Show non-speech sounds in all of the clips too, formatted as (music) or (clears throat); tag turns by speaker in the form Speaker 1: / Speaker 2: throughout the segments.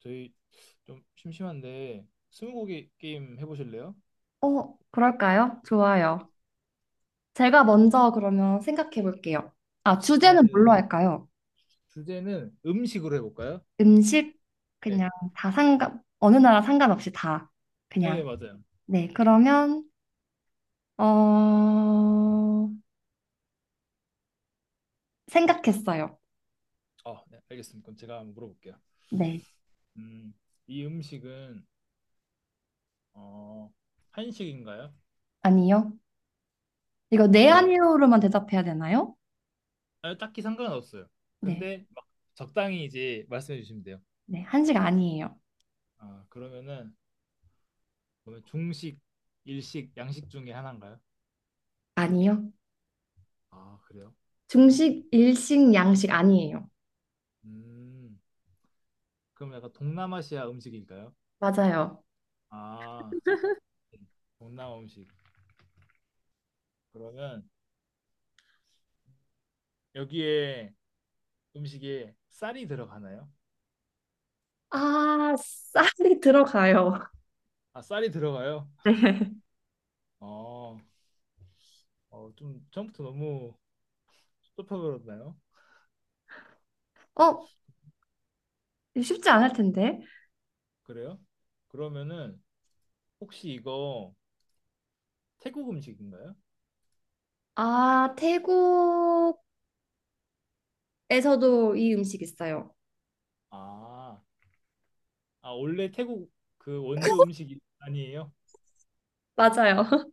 Speaker 1: 저희 좀 심심한데 스무고개 게임 해보실래요?
Speaker 2: 그럴까요? 좋아요. 제가 먼저 그러면 생각해 볼게요. 아, 주제는
Speaker 1: 네.
Speaker 2: 뭘로 할까요?
Speaker 1: 주제는 음식으로 해볼까요?
Speaker 2: 음식,
Speaker 1: 네,
Speaker 2: 그냥 다 상관, 어느 나라 상관없이 다,
Speaker 1: 네
Speaker 2: 그냥.
Speaker 1: 맞아요.
Speaker 2: 네, 그러면, 어, 생각했어요.
Speaker 1: 네, 알겠습니다. 그럼 제가 한번 물어볼게요.
Speaker 2: 네,
Speaker 1: 음, 이 음식은 어, 한식인가요?
Speaker 2: 아니요. 이거 네,
Speaker 1: 그러면
Speaker 2: 아니요로만 대답해야 되나요?
Speaker 1: 아, 딱히 상관없어요.
Speaker 2: 네,
Speaker 1: 근데 막 적당히 이제 말씀해 주시면 돼요.
Speaker 2: 네, 한식 아니에요.
Speaker 1: 아, 그러면은 그러면 중식, 일식, 양식 중에 하나인가요?
Speaker 2: 아니요.
Speaker 1: 아, 그래요?
Speaker 2: 중식, 일식, 양식 아니에요.
Speaker 1: 음, 그럼 약간 동남아시아 음식일까요?
Speaker 2: 맞아요.
Speaker 1: 아, 네. 동남아 음식. 그러면 여기에 음식에 쌀이 들어가나요?
Speaker 2: 아, 쌀이 들어가요.
Speaker 1: 아, 쌀이 들어가요?
Speaker 2: (laughs)
Speaker 1: 어, 좀 처음부터 너무 섭섭해버렸나요?
Speaker 2: 네. 쉽지 않을 텐데.
Speaker 1: 그래요? 그러면은 혹시 이거 태국 음식인가요?
Speaker 2: 아, 태국에서도 이 음식 있어요.
Speaker 1: 아, 아, 원래 태국 그 원조 음식이 아니에요?
Speaker 2: 맞아요. (laughs)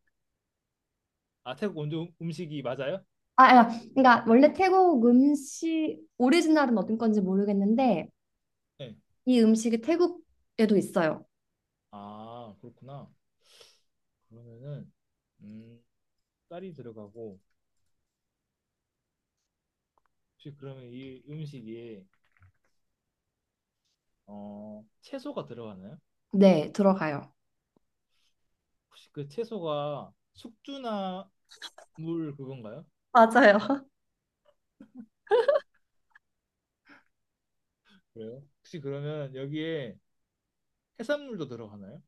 Speaker 1: 아, 태국 원조 음식이 맞아요?
Speaker 2: 아, 아, 그러니까 원래 태국 음식 오리지널은 어떤 건지 모르겠는데
Speaker 1: 네.
Speaker 2: 이 음식이 태국에도 있어요.
Speaker 1: 아, 그렇구나. 그러면은 음, 쌀이 들어가고 혹시 그러면 이 음식에 채소가 들어가나요?
Speaker 2: 네, 들어가요.
Speaker 1: 혹시 그 채소가 숙주나물 그건가요?
Speaker 2: 맞아요.
Speaker 1: 그래요? 혹시 그러면 여기에 해산물도 들어가나요?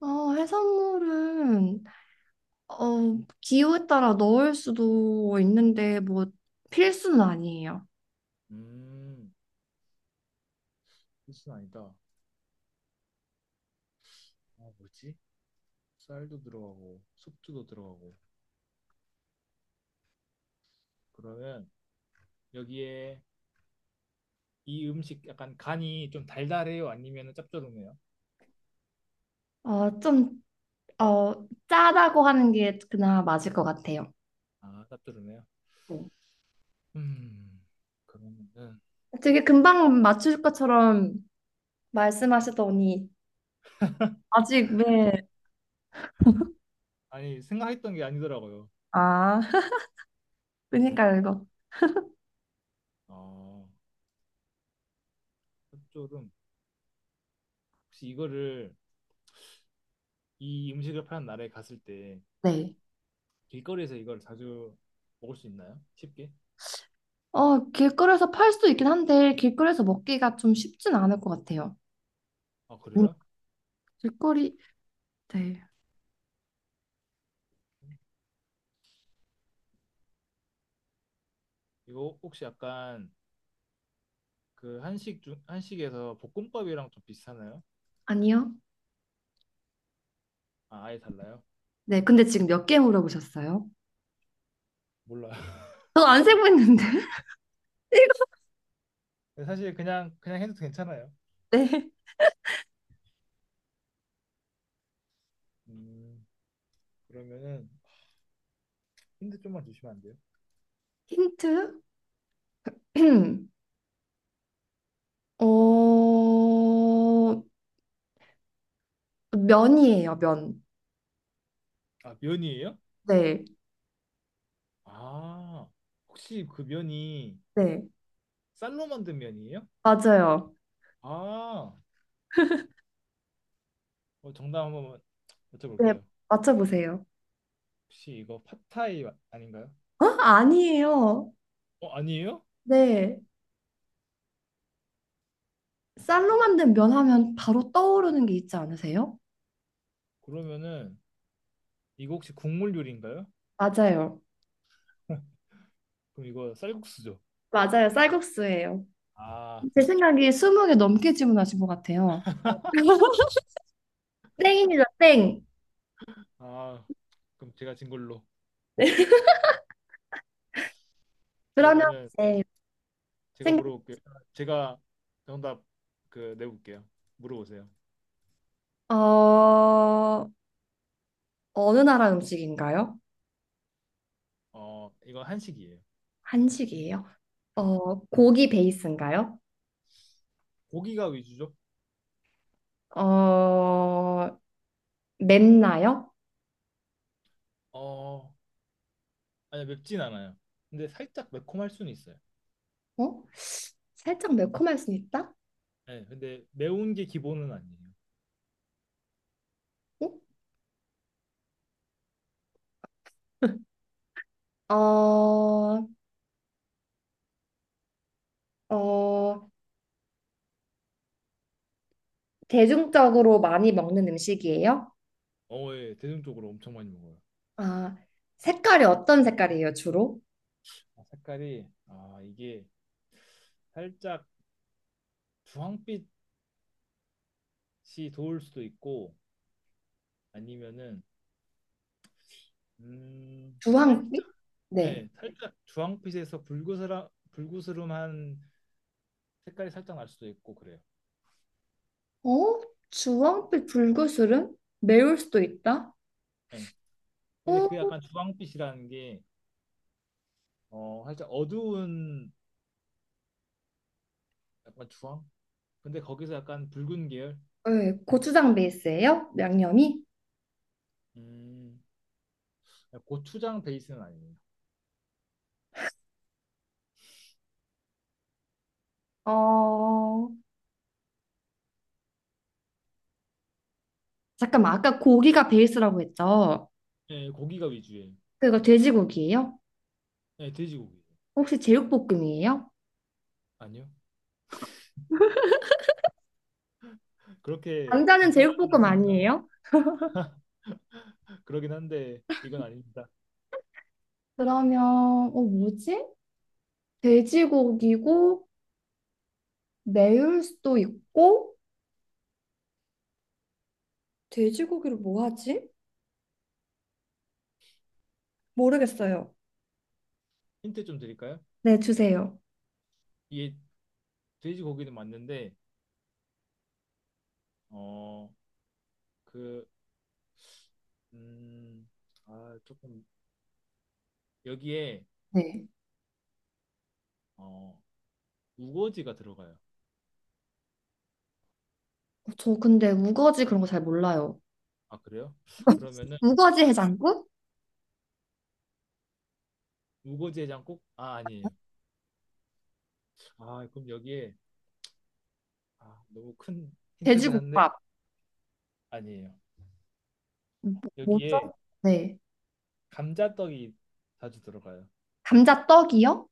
Speaker 2: 해산물은 기호에 따라 넣을 수도 있는데 뭐 필수는 아니에요.
Speaker 1: 음, 필수는 아니다. 아, 뭐지? 쌀도 들어가고 숙주도 들어가고 그러면 여기에 이 음식 약간 간이 좀 달달해요? 아니면 짭조름해요?
Speaker 2: 어, 좀 어, 짜다고 하는 게 그나마 맞을 것 같아요.
Speaker 1: 아, 짭조름해요?
Speaker 2: 네.
Speaker 1: 음, 그러면은
Speaker 2: 되게 금방 맞출 것처럼 말씀하시더니 아직 왜,
Speaker 1: 아니 생각했던 게 아니더라고요.
Speaker 2: 아, (laughs) 그니까요, 이거.
Speaker 1: 아 짭조름. 혹시 이거를 이 음식을 파는 나라에 갔을 때
Speaker 2: 네.
Speaker 1: 길거리에서 이걸 자주 먹을 수 있나요? 쉽게?
Speaker 2: 길거리에서 팔 수도 있긴 한데 길거리에서 먹기가 좀 쉽진 않을 것 같아요.
Speaker 1: 아,
Speaker 2: 음,
Speaker 1: 그래요?
Speaker 2: 길거리, 네.
Speaker 1: 이거 혹시 약간 그 한식 중 한식에서 볶음밥이랑 좀 비슷하나요?
Speaker 2: 아니요?
Speaker 1: 아, 아예 달라요?
Speaker 2: 네, 근데 지금 몇 개 물어보셨어요?
Speaker 1: 몰라요. (laughs)
Speaker 2: 저 안 세고 있는데. (laughs) 일곱
Speaker 1: 근데 사실 그냥 해도 괜찮아요.
Speaker 2: 네.
Speaker 1: 음, 그러면은 힌트 좀만 주시면 안 돼요?
Speaker 2: 힌트? (clears throat) 어, 면이에요, 면.
Speaker 1: 아, 면이에요?
Speaker 2: 네,
Speaker 1: 아, 혹시 그 면이
Speaker 2: 네.
Speaker 1: 쌀로 만든 면이에요?
Speaker 2: 맞아요.
Speaker 1: 아, 정답 한번
Speaker 2: 네,
Speaker 1: 여쭤볼게요.
Speaker 2: 맞춰보세요.
Speaker 1: 혹시 이거 팟타이 아닌가요?
Speaker 2: 어? 아니에요.
Speaker 1: 어, 아니에요?
Speaker 2: 네. 쌀로 만든 면 하면 바로 떠오르는 게 있지 않으세요?
Speaker 1: 그러면은 이거 혹시 국물 요리인가요?
Speaker 2: 맞아요.
Speaker 1: (laughs) 그럼 이거 쌀국수죠.
Speaker 2: 맞아요. 쌀국수예요.
Speaker 1: 아,
Speaker 2: 제 생각에 20개 넘게 질문하신 것 같아요. (laughs) 땡입니다. 땡.
Speaker 1: 아, 그럼 제가 진 걸로.
Speaker 2: 그러면
Speaker 1: 그러면은
Speaker 2: 이제
Speaker 1: 제가
Speaker 2: 생각
Speaker 1: 물어볼게요. 제가 정답 그 내볼게요. 물어보세요.
Speaker 2: 어 어느 나라 음식인가요?
Speaker 1: 이거 한식이에요.
Speaker 2: 한식이에요.
Speaker 1: 네.
Speaker 2: 어 고기 베이스인가요?
Speaker 1: 고기가 위주죠?
Speaker 2: 어 맵나요?
Speaker 1: 어, 아니 맵진 않아요. 근데 살짝 매콤할 수는 있어요.
Speaker 2: 어? 살짝 매콤할 수 있다?
Speaker 1: 네, 근데 매운 게 기본은 아니에요.
Speaker 2: 어? (laughs) 어, 어, 대중적으로 많이 먹는 음식이에요?
Speaker 1: 어, 예, 대중적으로 엄청 많이 먹어요.
Speaker 2: 아, 색깔이 어떤 색깔이에요, 주로?
Speaker 1: 아, 색깔이 아 이게 살짝 주황빛이 도울 수도 있고 아니면은
Speaker 2: 주황빛?
Speaker 1: 살짝
Speaker 2: 네.
Speaker 1: 네, 살짝 주황빛에서 불그스라, 불그스름한 색깔이 살짝 날 수도 있고 그래요.
Speaker 2: 어? 주황빛 불그술은 매울 수도 있다?
Speaker 1: 네. 근데
Speaker 2: 어?
Speaker 1: 그 약간 주황빛이라는 게 살짝 어두운 약간 주황? 근데 거기서 약간 붉은 계열?
Speaker 2: 네. 고추장 베이스예요? 양념이?
Speaker 1: 음, 고추장 베이스는 아니에요.
Speaker 2: 어, 잠깐만. 아까 고기가 베이스라고 했죠?
Speaker 1: 네, 고기가 위주예요.
Speaker 2: 그거 돼지고기예요?
Speaker 1: 네, 돼지고기.
Speaker 2: 혹시 제육볶음이에요?
Speaker 1: 아니요.
Speaker 2: 당
Speaker 1: 그렇게
Speaker 2: 자는
Speaker 1: 간단하진
Speaker 2: 제육볶음
Speaker 1: 않습니다.
Speaker 2: 아니에요?
Speaker 1: 그러긴 한데 이건 아닙니다.
Speaker 2: 그러면, 어, 뭐지? 돼지고기고, 매울 수도 있고, 돼지고기를 뭐 하지? 모르겠어요.
Speaker 1: 힌트 좀 드릴까요?
Speaker 2: 네, 주세요.
Speaker 1: 이게 돼지고기는 맞는데 어, 그 음, 아, 조금 여기에
Speaker 2: 네.
Speaker 1: 어, 우거지가 들어가요.
Speaker 2: 저 근데 우거지 그런 거 잘 몰라요.
Speaker 1: 아, 그래요? 그러면은
Speaker 2: 우거지 해장국?
Speaker 1: 우거지 해장국? 아, 아니에요. 아, 그럼 여기에 아, 너무 큰 힌트긴 한데
Speaker 2: 돼지국밥.
Speaker 1: 아니에요.
Speaker 2: 뭐- 뭐죠?
Speaker 1: 여기에
Speaker 2: 네.
Speaker 1: 감자떡이 자주 들어가요.
Speaker 2: 감자떡이요?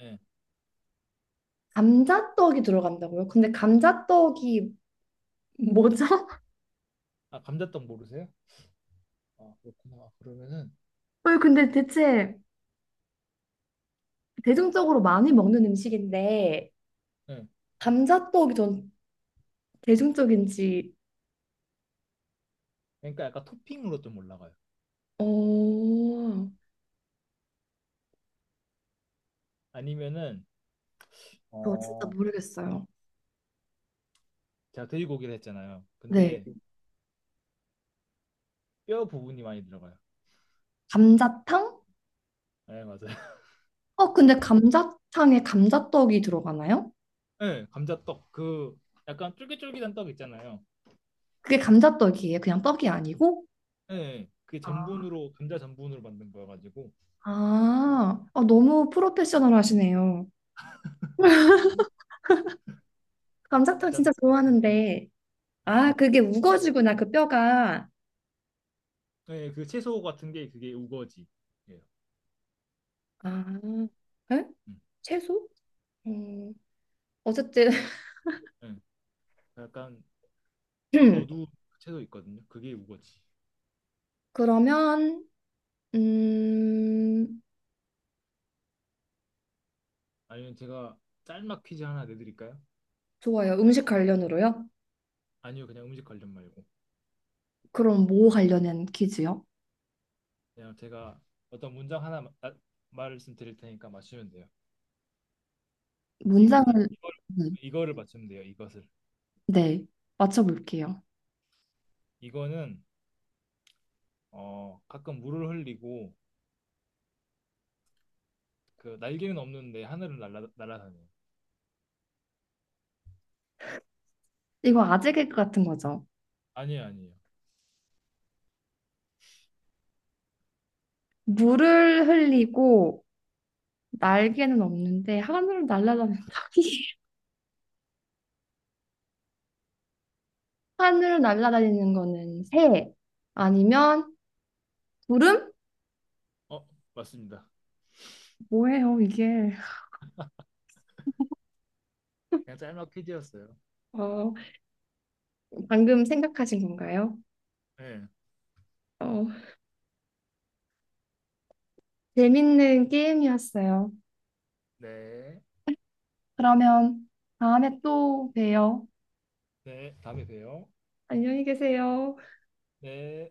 Speaker 1: 네.
Speaker 2: 감자떡이 들어간다고요? 근데 감자떡이 뭐죠? (laughs)
Speaker 1: 아, 감자떡 모르세요? 아, 그렇구나. 아, 그러면은
Speaker 2: 어, 근데 대체 대중적으로 많이 먹는 음식인데
Speaker 1: 네.
Speaker 2: 감자떡이 전 대중적인지
Speaker 1: 그러니까 약간 토핑으로 좀 올라가요.
Speaker 2: 어,
Speaker 1: 아니면은
Speaker 2: 저 진짜
Speaker 1: 어,
Speaker 2: 모르겠어요.
Speaker 1: 제가 돼지고기를 했잖아요.
Speaker 2: 네.
Speaker 1: 근데 뼈 부분이 많이 들어가요.
Speaker 2: 감자탕?
Speaker 1: 네, 맞아요. (laughs)
Speaker 2: 어, 근데 감자탕에 감자떡이 들어가나요?
Speaker 1: 네, 감자떡 그 약간 쫄깃쫄깃한 떡 있잖아요.
Speaker 2: 그게 감자떡이에요? 그냥 떡이 아니고?
Speaker 1: 네, 그게
Speaker 2: 아,
Speaker 1: 전분으로 감자 전분으로 만든 거여가지고
Speaker 2: 너무 프로페셔널 하시네요. 감자탕
Speaker 1: 감자
Speaker 2: 진짜 좋아하는데.
Speaker 1: 음.
Speaker 2: 아, 그게 우거지구나, 그 뼈가.
Speaker 1: 네, 그 채소 같은 게 그게 우거지예요.
Speaker 2: 아, 에?
Speaker 1: 음.
Speaker 2: 채소? 음, 어쨌든,
Speaker 1: 네, 약간 약간
Speaker 2: (clears throat)
Speaker 1: 어두운 채소 있거든요. 그게 우거지.
Speaker 2: 그러면, 음,
Speaker 1: 아니면 제가 짤막 퀴즈 하나 내드릴까요?
Speaker 2: 좋아요. 음식 관련으로요?
Speaker 1: 아니요, 그냥 음식 관련 말고
Speaker 2: 그럼 뭐 관련된 퀴즈요?
Speaker 1: 그냥 제가 어떤 문장 하나 아, 말씀드릴 테니까 맞추면 돼요. 이거 이,
Speaker 2: 문장을,
Speaker 1: 이걸
Speaker 2: 네,
Speaker 1: 이거를 맞추면 돼요. 이것을
Speaker 2: 네, 맞춰볼게요.
Speaker 1: 이거는 어 가끔 물을 흘리고 그 날개는 없는데 하늘을 날아다녀요.
Speaker 2: 이거 아재 개그 같은 거죠?
Speaker 1: 아니에요, 아니에요.
Speaker 2: 물을 흘리고 날개는 없는데 하늘을 날아다니는 닭이 (laughs) 하늘을 날아다니는 거는 새 아니면 구름?
Speaker 1: 어, 맞습니다.
Speaker 2: 뭐예요 이게?
Speaker 1: 그냥 짤막 퀴즈였어요.
Speaker 2: 어, 방금 생각하신 건가요?
Speaker 1: 네.
Speaker 2: 어, 재밌는 게임이었어요.
Speaker 1: 네.
Speaker 2: 그러면 다음에 또 봬요.
Speaker 1: 네. 다음에 봬요.
Speaker 2: 안녕히 계세요.
Speaker 1: 네.